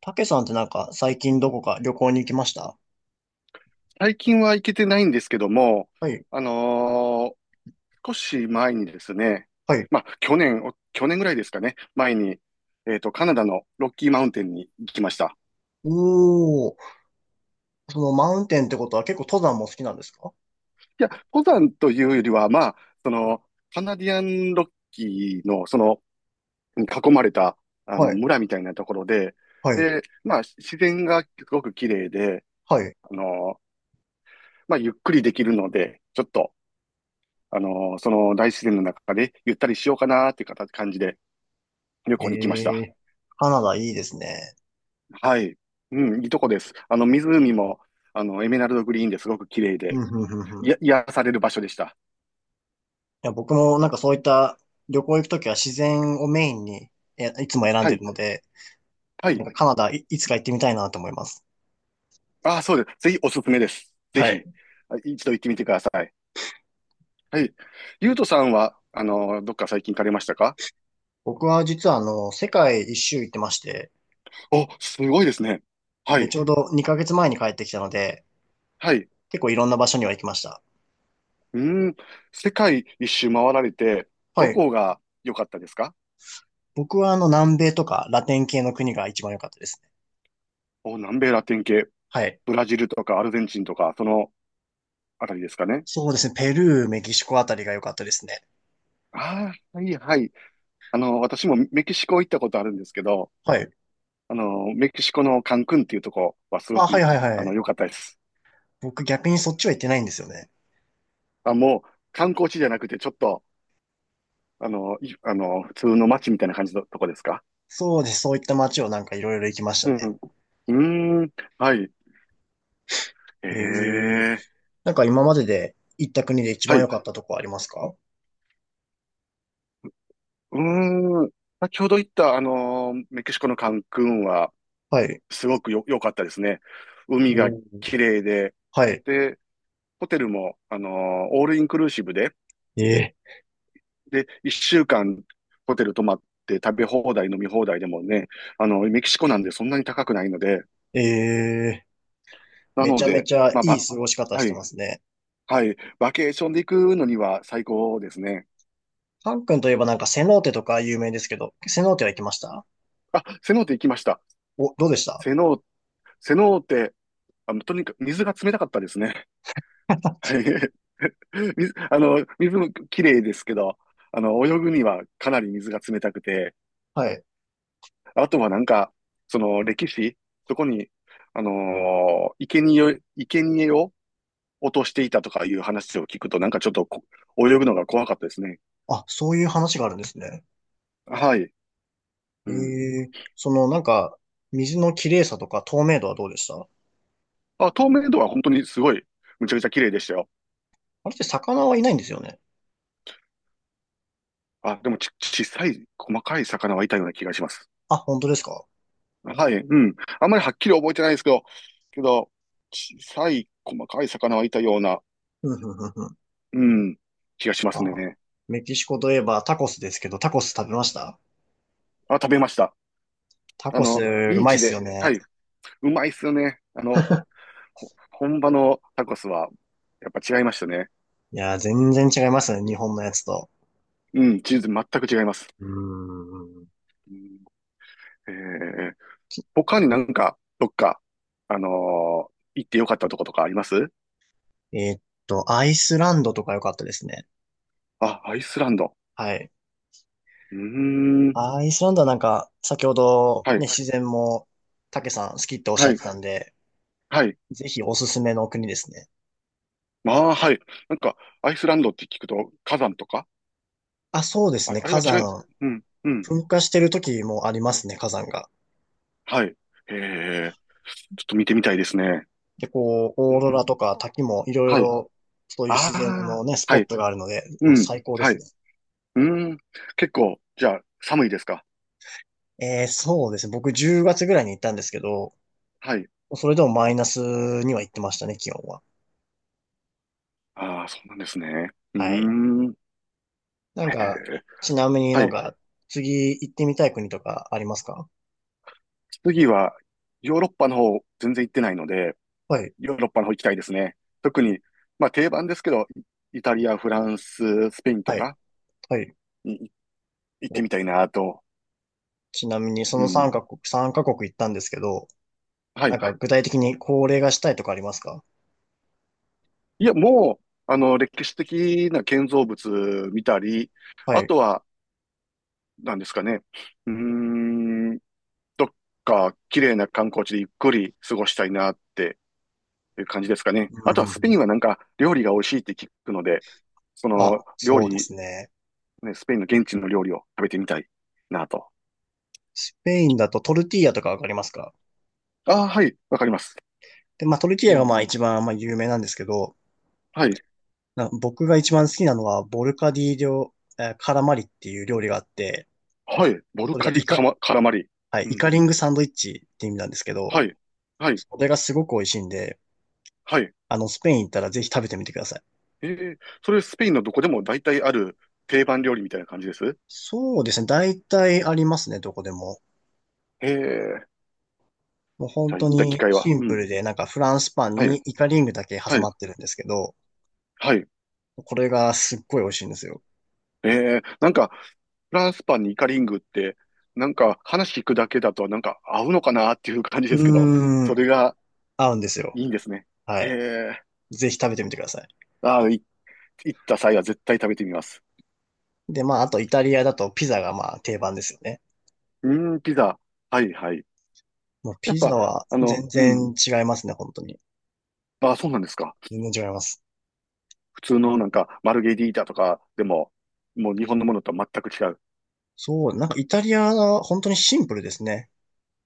たけさんってなんか最近どこか旅行に行きました？最近は行けてないんですけども、はい。あのー少し前にですね、はい。まあ、去年、お去年ぐらいですかね、前に、カナダのロッキーマウンテンに行きました。おー。そのマウンテンってことは結構登山も好きなんですか？いや、登山というよりは、まあ、その、カナディアンロッキーの、その、囲まれた、はい。村みたいなところで、はい。で、まあ、自然がすごく綺麗で、はい。あのーまあ、ゆっくりできるので、ちょっと、その大自然の中でゆったりしようかなっていう形感じで、旅行に来ました。えー、カナダいいですね。はい。うん、いいとこです。あの、湖も、あの、エメラルドグリーンですごく綺麗うで、ん、うん、うん、うん。いや、癒される場所でした。や、僕もなんかそういった旅行行くときは自然をメインにいつも選んはでい。るので、はなんい。かカナダい、いつか行ってみたいなと思います。ああ、そうです。ぜひおすすめです。ぜはひ、い。あ一度行ってみてください。はい。ゆうとさんは、あの、どっか最近行かれましたか？僕は実はあの、世界一周行ってまして、お、すごいですね。はで、い。ちょうど2ヶ月前に帰ってきたので、はい。結構いろんな場所には行きました。うーん。世界一周回られて、はどい。こが良かったですか？僕はあの南米とかラテン系の国が一番良かったですね。お、南米ラテン系。はい。ブラジルとかアルゼンチンとか、そのあたりですかね。そうですね。ペルー、メキシコあたりが良かったですね。ああ、はい、はい。あの、私もメキシコ行ったことあるんですけど、はい。あの、メキシコのカンクンっていうとこはすごあ、く、はいはいはあの、い。良かったです。僕逆にそっちは行ってないんですよね。あ、もう、観光地じゃなくて、ちょっと、あの、普通の街みたいな感じのとこですか？そうです。そういった街をなんかいろいろ行きましたうね。ん。うーん、はい。えええ。え、なんか今までで行った国で一は番良い。かったとこありますか？うーん、先ほど言った、メキシコのカンクンは、はい。すごくよ、良かったですね。海がおー綺麗で、はい。で、ホテルも、オールインクルーシブで、ええ。で、一週間ホテル泊まって食べ放題、飲み放題でもね、あの、メキシコなんでそんなに高くないので、ええ。なめのちゃめで、ちゃいまあ、いば、過ごし方はしてまい、すね。はい、バケーションで行くのには最高ですね。カン君といえばなんかセノーテとか有名ですけど、セノーテは行きました？あ、セノーテ行きました。お、どうでした？ セノー、セノーテ、あの、とにかく水が冷たかったですね。は い。水、あの、水も綺麗ですけど、あの、泳ぐにはかなり水が冷たくて、はい。あとはなんか、その歴史、そこに、生贄を落としていたとかいう話を聞くと、なんかちょっと泳ぐのが怖かったですね。あ、そういう話があるんですね。はい。えうん。え、そのなんか、水の綺麗さとか透明度はどうでした？ああ、透明度は本当にすごい、むちゃくちゃ綺麗でしたよ。れって魚はいないんですよね。あ、でも、小さい、細かい魚はいたような気がします。あ、本当ですか？はい。うん。あんまりはっきり覚えてないですけど、けど、小さい、細かい魚はいたような、う ん、うん、うん、うん。うん、気がしますあ、ね。メキシコといえばタコスですけど、タコス食べました？あ、食べました。タあコス、の、ビうーまいっチすで、よはね。い。うまいっすよね。あの、本場のタコスは、やっぱ違いましたね。いやー、全然違いますね、日本のやつと。うん、チーズ全く違います。うーん。うん、えー、他になんか、どっか、あのー行ってよかったとことかあります？えーっアイスランドとか良かったですね。あ、アイスランド。はい。うーん。アイスランドはなんか、先ほどはね、い。自然も、たけさん好きっておっしゃはってい。たんで、はい。ぜひおすすめの国ですね。まあ、はい。なんか、アイスランドって聞くと、火山とか。あ、そうですあ、ね。あれは火違い、山。うん、うん。噴火してる時もありますね、火山が。はい。へえ。ちょっと見てみたいですね。で、こう、うオん。ーロラとか滝もいろいはい。ろ、そういう自然あのあ、ね、スポはッい。トがあるので、うもうん。最高ではすい。ね。うん。結構、じゃあ、寒いですか？えー、そうですね。僕10月ぐらいに行ったんですけど、はい。それでもマイナスには行ってましたね、気温は。ああ、そうなんですね。うーはい。ん。なんえか、ー、ちなみにはなんい。か、次行ってみたい国とかありますか？次はヨーロッパの方全然行ってないので、はい、ヨーロッパの方行きたいですね。特に、まあ定番ですけど、イタリア、フランス、スペインとはい、かはい。に、い、行ってお、みたいなと。ちなみにそうの3ん。カ国、3カ国行ったんですけど、はなんい。か具体的に恒例がしたいとかありますか？いや、もう、あの、歴史的な建造物見たり、はあい。とは、何ですかね。うーん、どっか綺麗な観光地でゆっくり過ごしたいなっていう感じですかね。あうとはんうんスうペイん。ンはなんか料理が美味しいって聞くので、そあ、の料そうで理すね。ね、スペインの現地の料理を食べてみたいなと。スペインだとトルティーヤとかわかりますか？ああ、はい、わかります。で、まあトルティーうヤがん。まあ一番まあ有名なんですけど、はい、な僕が一番好きなのはボルカディ料、えーカラマリっていう料理があって、はい、ボルそれがカイリカ、カマ、カラマリ。はい、うイん、カリングサンドイッチって意味なんですけど、はい、はい、それがすごく美味しいんで、はい。あの、スペイン行ったらぜひ食べてみてください。ええ、それスペインのどこでも大体ある定番料理みたいな感じです？そうですね。大体ありますね、どこでも。ええ、もうじ本ゃあ当行った機に会は。シンうプん、ルで、なんかフランスパンはい、にイカリングだけは挟い、まってるんですけど、はい。これがすっごい美味しいんですよ。ええ、なんか、フランスパンにイカリングって、なんか話聞くだけだとなんか合うのかなっていう感じですけど、うーそん。れが合うんですよ。いいんですね。はえい。え、ぜひ食べてみてください。ああ、い、行った際は絶対食べてみます。で、まあ、あとイタリアだとピザがまあ定番ですよね。うん、ピザ。はいはい。もうやっピザぱ、はあの、全うん。然違いますね、本当に。あ、そうなんですか。全然違います。普通のなんか、マルゲリータとかでも、もう日本のものとは全く違う。そう、なんかイタリアは本当にシンプルですね、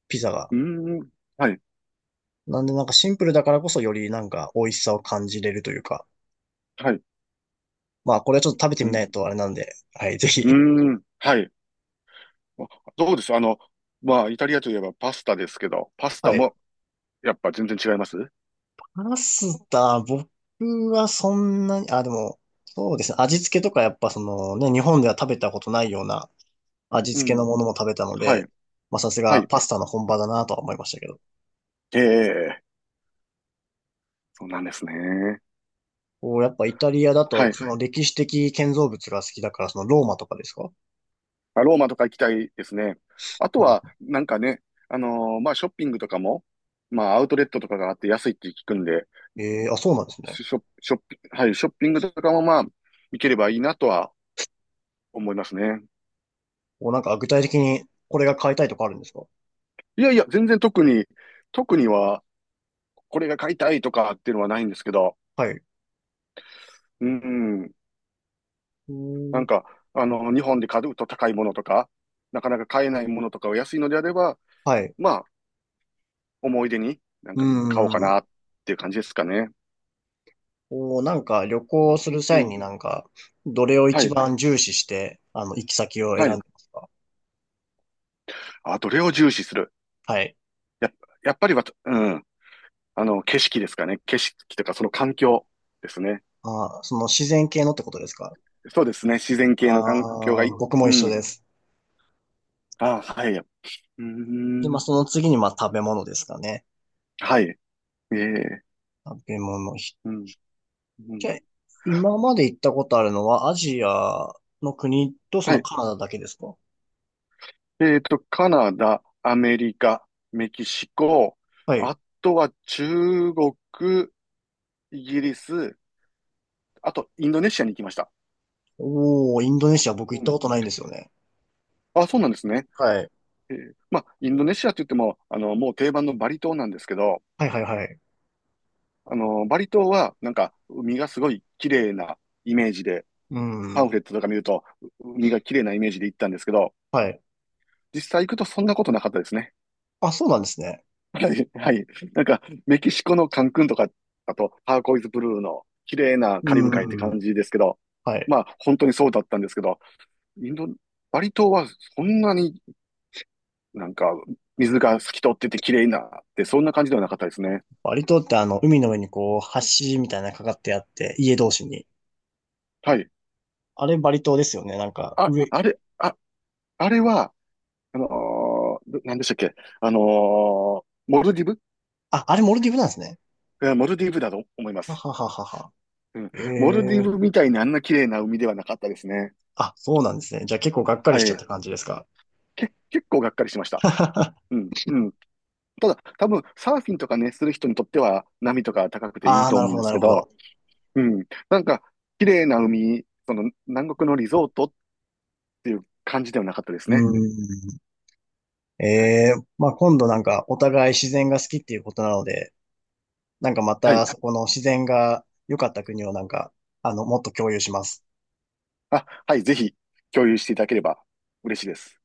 ピザが。うん、はい、なんでなんかシンプルだからこそよりなんか美味しさを感じれるというか。はい。まあ、これはちょっと食べてうみん、ないとあれなんで、はい、ぜうひ。ん、はい。あ、どうです、あの、まあ、イタリアといえばパスタですけど、パ スタはい。もやっぱ全然違います？パスタ、僕はそんなに、あ、でも、そうですね。味付けとかやっぱそのね、日本では食べたことないような味う付けのん、ものも食べたのはい、で、まあさすはがい。パスタの本場だなとは思いましたけど。ええ、そうなんですね。おやっぱイタリアだはと、い。その歴史的建造物が好きだから、そのローマとかですか？あ、ローマとか行きたいですね。あとうん。は、なんかね、まあ、ショッピングとかも、まあ、アウトレットとかがあって安いって聞くんで、ええー、あ、そうなんですね。ショ、ショッピ、はい、ショッピングとかもまあ、行ければいいなとは思いますね。お、なんか具体的にこれが買いたいとかあるんですか？いやいや、全然特に、特には、これが買いたいとかっていうのはないんですけど、はい。ううん、ーなん。んか、あの、日本で買うと高いものとか、なかなか買えないものとかを安いのであれば、はい。まあ、思い出になんうーか買おうかん。なっていう感じですかね。お、なんか旅行するう際にん。なんか、どれをは一い。番重視して、あの、行き先をは選んい、でますか？あ、どれを重視する？はい。やっ、やっぱりは、うん。あの、景色ですかね。景色とか、その環境ですね。あー、その自然系のってことですか？そうですね。自然系の環境がああいー、い。僕もう一緒ん。です。あ、はい。うーで、まあ、ん。その次に、まあ、食べ物ですかね。はい。ええ、食べ物。ひうん。うじん。ゃ、今まで行ったことあるのはアジアの国とそはのい。カナダだけですか？えっと、カナダ、アメリカ、メキシコ、はい。あとは中国、イギリス、あとインドネシアに行きました。おー、インドネシア僕う行ったん。ことないんですよね。あ、そうなんですね。はい。えー、まあ、インドネシアって言っても、あの、もう定番のバリ島なんですけど、はいはいはい。あの、バリ島は、なんか、海がすごい綺麗なイメージで、うパンん。フレットとか見ると、う、海が綺麗なイメージで行ったんですけど、はい。実際行くとそんなことなかったですね。あ、そうなんですね。はい、はい。なんか、メキシコのカンクンとか、あと、ターコイズブルーの綺麗なカリブ海ってう感ん。じですけど、はい。まあ、本当にそうだったんですけど、インド、バリ島はそんなになんか、水が透き通ってて綺麗なって、そんな感じではなかったですね。バリ島ってあの、海の上にこう、橋みたいなのかかってあって、家同士に。はい。あれバリ島ですよね。なんか、あ、上。あれ、あ、あれは、あのどなんでしたっけ？モルディブ、あ、あれモルディブなんですね。えー、モルディブだと思いまはす。はははは。うん。えモルディえブー。みたいにあんな綺麗な海ではなかったですね。あ、そうなんですね。じゃあ結構がっかはりしちゃっい。た感じですか。け、結構がっかりしました。うん、うん。ただ、多分、サーフィンとかね、する人にとっては、波とか高くていいああ、となる思うほんどでなするけほど。ど、うん。なんか、綺麗な海、その、南国のリゾートっていう感じではなかったですうね。ん。はい。えー、まあ、今度うなんん、かお互い自然が好きっていうことなので、なんかまはたい。そこの自然が良かった国をなんか、あの、もっと共有します。あ、はい、ぜひ、共有していただければ嬉しいです。